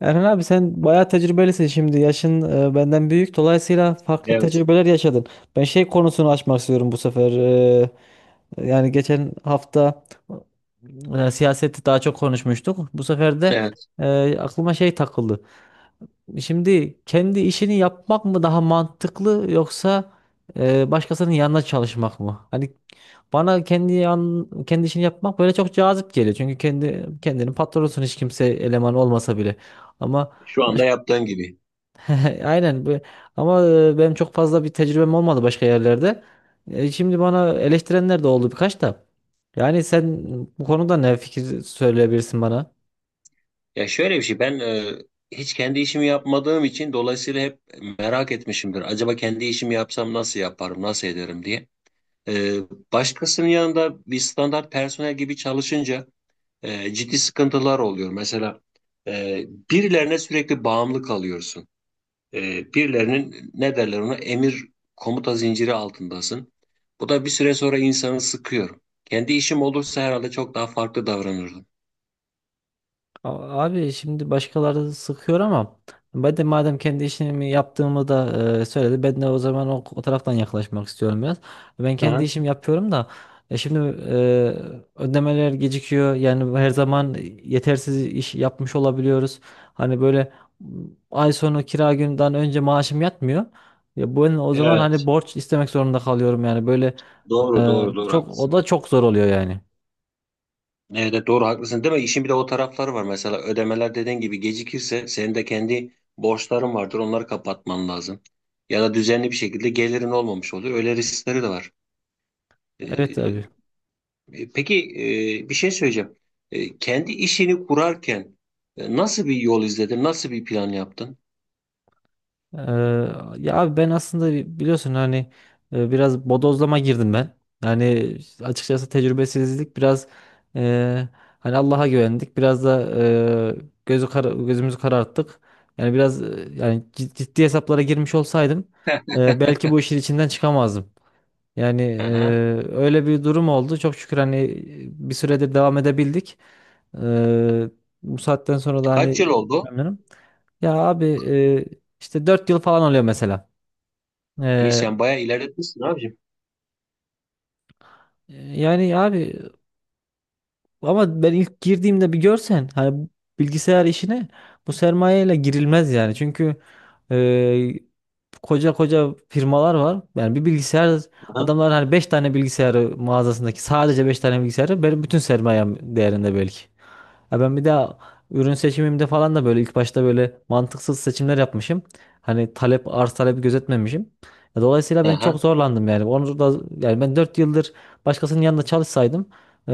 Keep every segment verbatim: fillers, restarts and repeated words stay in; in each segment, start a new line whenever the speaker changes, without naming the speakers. Erhan abi sen bayağı tecrübelisin şimdi. Yaşın e, benden büyük. Dolayısıyla farklı
Evet,
tecrübeler yaşadın. Ben şey konusunu açmak istiyorum bu sefer. E, yani geçen hafta e, siyaseti daha çok konuşmuştuk. Bu sefer de
evet.
e, aklıma şey takıldı. Şimdi kendi işini yapmak mı daha mantıklı, yoksa e, başkasının yanına çalışmak mı? Hani bana kendi yan, kendi işini yapmak böyle çok cazip geliyor. Çünkü kendi kendinin patronusun, hiç kimse eleman olmasa bile. Ama
Şu anda
baş-
yaptığın gibi.
aynen bu- ama e, benim çok fazla bir tecrübem olmadı başka yerlerde. E, şimdi bana eleştirenler de oldu birkaç da. Yani sen bu konuda ne fikir söyleyebilirsin bana?
Ya şöyle bir şey, ben e, hiç kendi işimi yapmadığım için dolayısıyla hep merak etmişimdir. Acaba kendi işimi yapsam nasıl yaparım, nasıl ederim diye. E, başkasının yanında bir standart personel gibi çalışınca e, ciddi sıkıntılar oluyor. Mesela e, birilerine sürekli bağımlı kalıyorsun. E, birilerinin ne derler ona emir komuta zinciri altındasın. Bu da bir süre sonra insanı sıkıyor. Kendi işim olursa herhalde çok daha farklı davranırdım.
A- Abi, şimdi başkaları sıkıyor ama ben de madem kendi işimi yaptığımı da e, söyledi, ben de o zaman o, o taraftan yaklaşmak istiyorum biraz. Ben kendi
Aha,
işimi yapıyorum da e, şimdi e, ödemeler gecikiyor, yani her zaman yetersiz iş yapmış olabiliyoruz. Hani böyle m, ay sonu kira günden önce maaşım yatmıyor. Ya ben o zaman hani
evet.
borç istemek zorunda kalıyorum, yani böyle
Doğru
e,
doğru doğru,
çok, o
haklısın.
da çok zor oluyor yani.
Evet evet, doğru haklısın değil mi? İşin bir de o tarafları var. Mesela ödemeler dediğin gibi gecikirse senin de kendi borçların vardır. Onları kapatman lazım. Ya da düzenli bir şekilde gelirin olmamış olur. Öyle riskleri de var. Ee,
Evet abi.
e, peki e, bir şey söyleyeceğim. Ee, kendi işini kurarken e, nasıl bir yol izledin? Nasıl bir plan yaptın?
Ee, ya abi, ben aslında bi- biliyorsun hani, e, biraz bodozlama girdim ben. Yani açıkçası tecrübesizlik biraz, e, hani Allah'a güvendik. Biraz da e, gözü kara- gözümüzü kararttık. Yani biraz e, yani cid- ciddi hesaplara girmiş olsaydım
Heh.
e, belki bu işin içinden çıkamazdım. Yani
Aha.
e, öyle bir durum oldu. Çok şükür hani e, bir süredir devam edebildik. Ee, bu saatten sonra da
Kaç
hani
yıl oldu?
memnunum. Ya abi, e, işte dört yıl falan oluyor mesela.
İyi,
Ee,
sen bayağı ilerletmişsin abicim.
yani abi, ama ben ilk girdiğimde bir görsen hani, bilgisayar işine bu sermayeyle girilmez yani. Çünkü koca koca firmalar var. Yani bir bilgisayar,
Aha.
adamlar hani beş tane bilgisayarı mağazasındaki, sadece beş tane bilgisayarı benim bütün sermayem değerinde belki. Ya ben bir daha ürün seçimimde falan da böyle ilk başta böyle mantıksız seçimler yapmışım. Hani talep, arz talebi gözetmemişim. Ya, dolayısıyla ben çok
Aha.
zorlandım yani. Onu da, yani ben dört yıldır başkasının yanında çalışsaydım, e,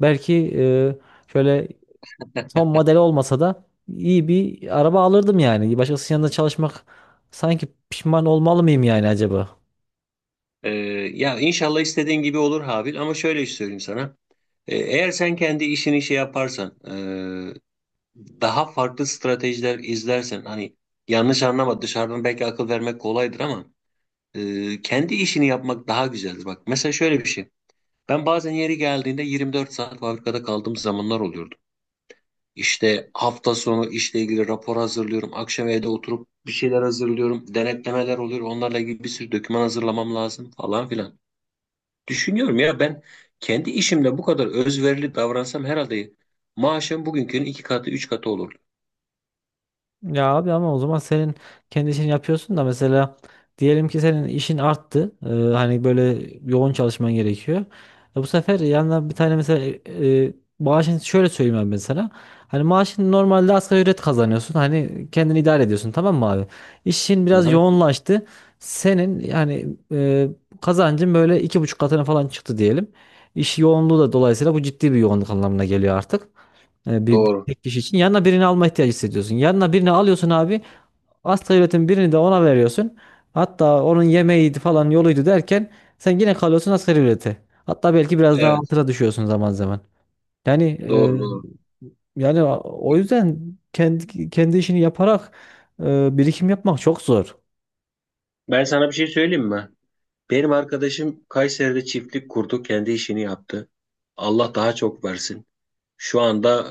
belki e, şöyle son model olmasa da iyi bir araba alırdım yani. Başkasının yanında çalışmak, sanki pişman olmalı mıyım yani acaba?
Ee, ya inşallah istediğin gibi olur Habil, ama şöyle söyleyeyim sana. Ee, eğer sen kendi işini şey yaparsan, e, daha farklı stratejiler izlersen, hani yanlış anlama, dışarıdan belki akıl vermek kolaydır ama e, kendi işini yapmak daha güzeldir. Bak mesela şöyle bir şey. Ben bazen yeri geldiğinde yirmi dört saat fabrikada kaldığım zamanlar oluyordu. İşte hafta sonu işle ilgili rapor hazırlıyorum. Akşam evde oturup bir şeyler hazırlıyorum. Denetlemeler oluyor. Onlarla ilgili bir sürü doküman hazırlamam lazım falan filan. Düşünüyorum ya, ben kendi işimde bu kadar özverili davransam herhalde maaşım bugünkünün iki katı, üç katı olurdu.
Ya abi, ama o zaman senin kendi işini yapıyorsun da mesela, diyelim ki senin işin arttı. Ee, hani böyle yoğun çalışman gerekiyor. E bu sefer yanına bir tane mesela, e, e, maaşın, şöyle söyleyeyim abi ben sana. Hani maaşın normalde asgari ücret kazanıyorsun. Hani kendini idare ediyorsun, tamam mı abi? İşin biraz
Aha,
yoğunlaştı. Senin yani e, kazancın böyle iki buçuk katına falan çıktı diyelim. İş yoğunluğu da dolayısıyla bu ciddi bir yoğunluk anlamına geliyor artık. E, bir bir
doğru.
tek kişi için yanına birini alma ihtiyacı hissediyorsun. Yanına birini alıyorsun abi. Asgari ücretin birini de ona veriyorsun. Hatta onun yemeğiydi falan, yoluydu derken sen yine kalıyorsun asgari ücrete. Hatta belki biraz daha
Evet,
altına düşüyorsun zaman zaman. Yani
doğru, doğru.
e, yani o yüzden kendi kendi işini yaparak e, birikim yapmak çok zor.
Ben sana bir şey söyleyeyim mi? Benim arkadaşım Kayseri'de çiftlik kurdu, kendi işini yaptı. Allah daha çok versin. Şu anda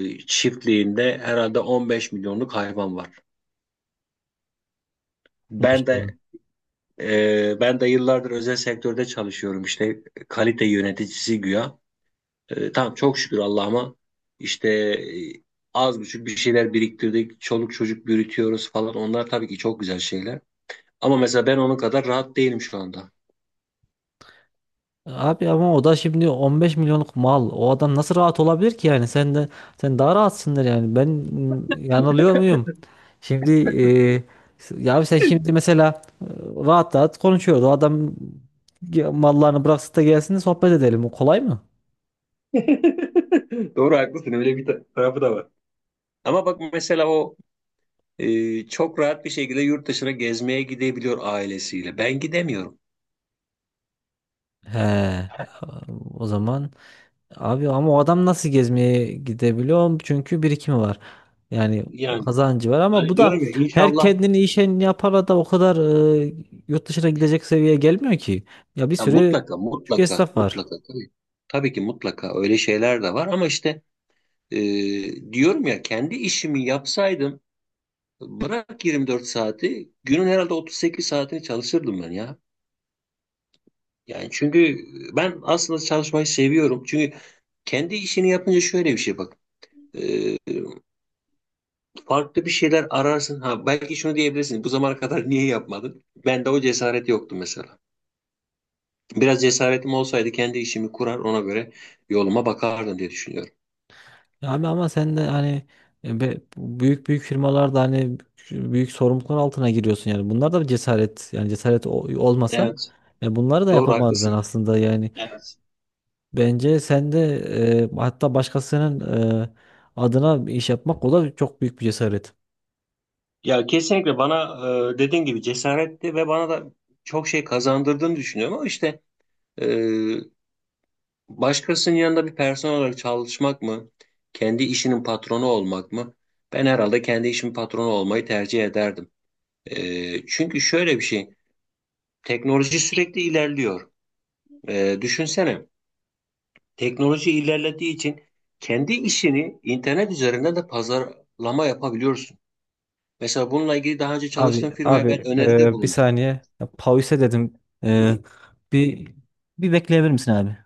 e, çiftliğinde herhalde on beş milyonluk hayvan var. Ben
Maşallah.
de e, ben de yıllardır özel sektörde çalışıyorum işte, kalite yöneticisi güya. E, tamam, çok şükür Allah'ıma, işte e, az buçuk bir şeyler biriktirdik. Çoluk çocuk büyütüyoruz falan. Onlar tabii ki çok güzel şeyler. Ama mesela ben onun kadar rahat değilim şu anda.
Abi ama o da şimdi on beş milyonluk mal. O adam nasıl rahat olabilir ki yani? Sen de sen daha rahatsındır yani. Ben mm, yanılıyor muyum? Şimdi e, s- ya abi, sen şimdi mesela e, rahat rahat konuşuyordu. O adam ge- mallarını bıraksın da gelsin de sohbet edelim. O kolay mı?
Doğru haklısın, öyle bir ta- tarafı da var. Ama bak mesela o e, çok rahat bir şekilde yurt dışına gezmeye gidebiliyor ailesiyle. Ben gidemiyorum.
He. O zaman, abi ama o adam nasıl gezmeye gidebiliyor? Çünkü birikimi var. Yani
Yani,
kazancı var, ama
hani
bu da
diyorum ya
her
inşallah,
kendini işen yapara da o kadar e, yurt dışına gidecek seviyeye gelmiyor ki. Ya bir
ya
sürü
mutlaka
küçük
mutlaka
esnaf var.
mutlaka tabii, tabii ki mutlaka öyle şeyler de var ama işte Ee, diyorum ya kendi işimi yapsaydım bırak yirmi dört saati, günün herhalde otuz sekiz saatini çalışırdım ben ya. Yani çünkü ben aslında çalışmayı seviyorum. Çünkü kendi işini yapınca şöyle bir şey, bak. Ee, farklı bir şeyler ararsın. Ha, belki şunu diyebilirsin. Bu zamana kadar niye yapmadın? Bende o cesaret yoktu mesela. Biraz cesaretim olsaydı kendi işimi kurar, ona göre yoluma bakardım diye düşünüyorum.
Ya abi, ama sen de hani e, be- büyük büyük firmalarda hani büyük sorumluluklar altına giriyorsun yani. Bunlar da bir cesaret, yani cesaret o- olmasa
Evet.
yani, bunları da
Doğru
yapamazdın
haklısın.
aslında yani.
Evet.
Bence sen de e, hatta başkasının e, adına bir iş yapmak, o da çok büyük bir cesaret.
Ya kesinlikle bana e, dediğin gibi cesaretti ve bana da çok şey kazandırdığını düşünüyorum, ama işte e, başkasının yanında bir personel olarak çalışmak mı, kendi işinin patronu olmak mı? Ben herhalde kendi işimin patronu olmayı tercih ederdim. E, çünkü şöyle bir şey, teknoloji sürekli ilerliyor. E, düşünsene, teknoloji ilerlediği için kendi işini internet üzerinden de pazarlama yapabiliyorsun. Mesela bununla ilgili daha önce
Abi
çalıştığım firmaya ben
abi,
öneride
e, bir
bulundum.
saniye. Ya, pause dedim. E, bir Bir bekleyebilir misin abi?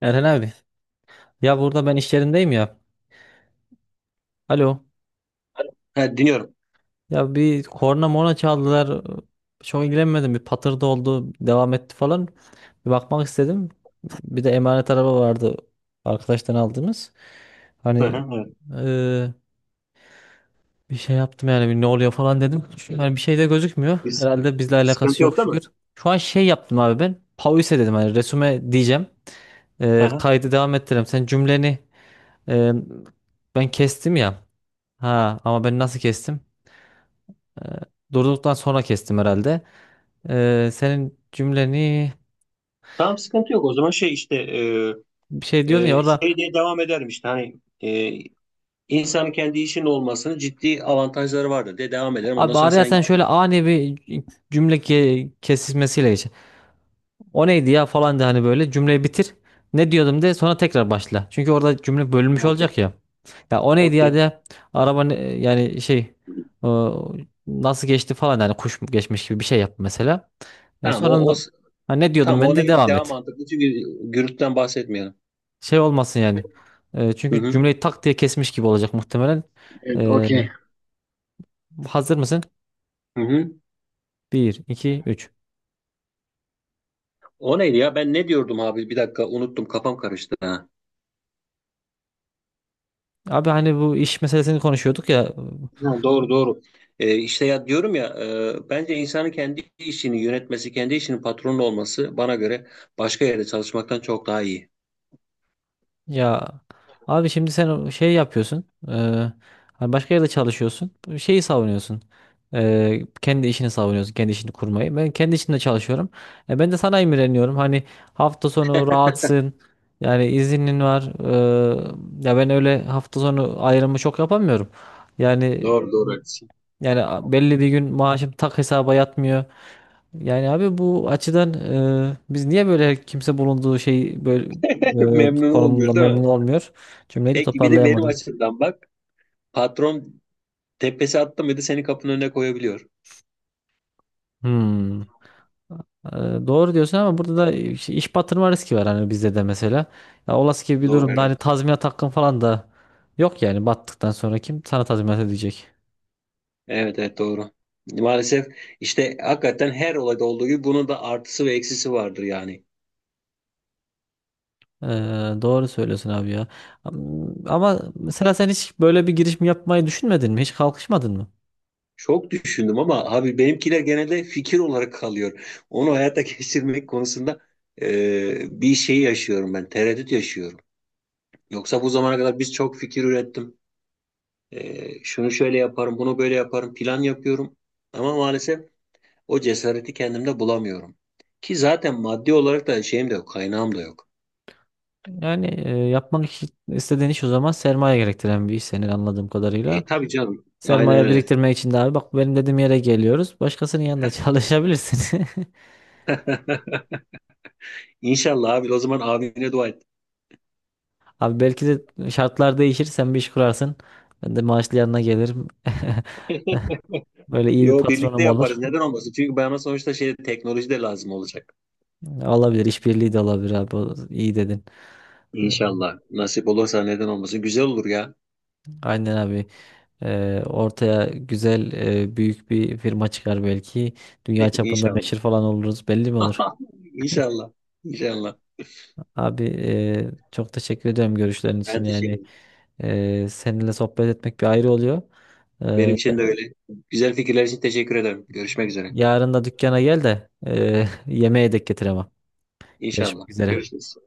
Erhan abi. Ya burada ben iş yerindeyim ya. Alo.
Ha, dinliyorum.
Ya, bir korna morna çaldılar. Çok ilgilenmedim. Bir patırdı oldu. Devam etti falan. Bir bakmak istedim. Bir de emanet araba vardı. Arkadaştan aldığımız.
Hı hı,
Hani
evet.
eee, bir şey yaptım yani, bir ne oluyor falan dedim. Şu- Yani bir şey de gözükmüyor.
Biz,
Herhalde bizle
sıkıntı
alakası
yok
yok,
değil mi?
şükür. Şu an şey yaptım abi ben. Pause dedim, hani resume diyeceğim.
Hı
Eee,
hı.
kaydı devam ettireyim. Sen cümleni, eee, ben kestim ya. Ha, ama ben nasıl kestim? Eee, durduktan sonra kestim herhalde. Ee, senin cümleni
Tamam, sıkıntı yok. O zaman şey işte e,
bir şey diyordun ya
e,
orada
şey diye devam ederim işte hani e, insanın kendi işinin olmasının ciddi avantajları vardır diye devam ederim. Ondan
abi,
sonra
araya
sen
sen şöyle ani bir cümle ke- kesişmesiyle geç. O neydi ya falan de, hani böyle cümleyi bitir. Ne diyordum de, sonra tekrar başla. Çünkü orada cümle bölünmüş
okey
olacak ya. Ya o neydi ya
okey.
de, araba ne- yani şey, o nasıl geçti falan, yani kuş mu geçmiş gibi bir şey yap mesela. E,
Tamam,
sonra
o,
da-
o
ha, ne diyordum,
tamam, o
ben de
neydi
devam
devam
et.
mantıklı, çünkü gürültüden bahsetmeyelim.
Şey olmasın yani. E,
Hı
çünkü
hı.
cümleyi tak diye kesmiş gibi olacak muhtemelen.
Evet,
E,
okey.
hazır mısın?
Hı hı.
Bir, iki, üç.
O neydi ya? Ben ne diyordum abi? Bir dakika unuttum. Kafam karıştı. Ha.
Abi, hani bu iş meselesini konuşuyorduk ya.
Ha, doğru doğru. Ee, işte ya diyorum ya e, bence insanın kendi işini yönetmesi, kendi işinin patronu olması bana göre başka yerde çalışmaktan çok daha iyi.
Ya abi, şimdi sen o şey yapıyorsun, e, hani başka yerde çalışıyorsun. Bu şeyi savunuyorsun, e, kendi işini savunuyorsun. Kendi işini kurmayı. Ben kendi işimde çalışıyorum. E, ben de sana imreniyorum. Hani hafta sonu rahatsın. Yani izinin var. e, ya ben öyle hafta sonu ayrımı çok yapamıyorum. Yani
Doğru doğru haklısın.
yani belli bir gün maaşım tak hesaba yatmıyor. Yani abi, bu açıdan e, biz niye böyle kimse bulunduğu şey böyle e,
Memnun
konumunda
olmuyor değil mi?
memnun olmuyor? Cümleyi de
Peki bir de benim
toparlayamadım.
açımdan bak. Patron tepesi attı mıydı seni kapının önüne koyabiliyor.
Hmm. E, doğru diyorsun, ama burada da iş, iş batırma riski var hani bizde de mesela. Ya olası gibi bir
Doğru,
durumda
evet.
hani tazminat hakkın falan da yok yani, battıktan sonra kim sana tazminat edecek?
Evet evet doğru. Maalesef işte hakikaten her olayda olduğu gibi bunun da artısı ve eksisi vardır yani.
E, doğru söylüyorsun abi ya. Am- Ama mesela sen hiç böyle bir girişim yapmayı düşünmedin mi? Hiç kalkışmadın mı?
Çok düşündüm ama abi, benimkiler genelde fikir olarak kalıyor. Onu hayata geçirmek konusunda e, bir şey yaşıyorum ben, tereddüt yaşıyorum. Yoksa bu zamana kadar biz çok fikir ürettim. E, şunu şöyle yaparım, bunu böyle yaparım, plan yapıyorum. Ama maalesef o cesareti kendimde bulamıyorum. Ki zaten maddi olarak da şeyim de yok, kaynağım da yok.
Yani e, yapmak iş- istediğin iş o zaman sermaye gerektiren bir iş senin, anladığım kadarıyla.
E tabii canım, aynen
Sermaye
öyle.
biriktirmek için de abi, bak benim dediğim yere geliyoruz. Başkasının yanında çalışabilirsin.
İnşallah abi, o zaman abine dua et.
Abi, belki de şartlar değişir, sen bir iş kurarsın. Ben de maaşlı yanına gelirim. Böyle iyi bir
Yo, birlikte
patronum
yaparız,
olur.
neden olmasın? Çünkü bana sonuçta şey, teknoloji de lazım olacak.
Olabilir, işbirliği de olabilir abi. O- İyi dedin. Ee,
İnşallah. Nasip olursa neden olmasın. Güzel olur ya.
Aynen abi. Ee, ortaya güzel e, büyük bir firma çıkar belki. Dünya çapında
İnşallah.
meşhur falan oluruz. Belli mi olur?
İnşallah. İnşallah.
Abi, e, çok teşekkür ediyorum görüşlerin
Ben
için.
teşekkür
Yani
ederim.
e, seninle sohbet etmek bir ayrı oluyor.
Benim
E,
için de öyle. Güzel fikirler için teşekkür ederim. Görüşmek üzere.
yarın da dükkana gel de, e, yemeğe de getir ama.
İnşallah.
Görüşmek üzere.
Görüşürüz.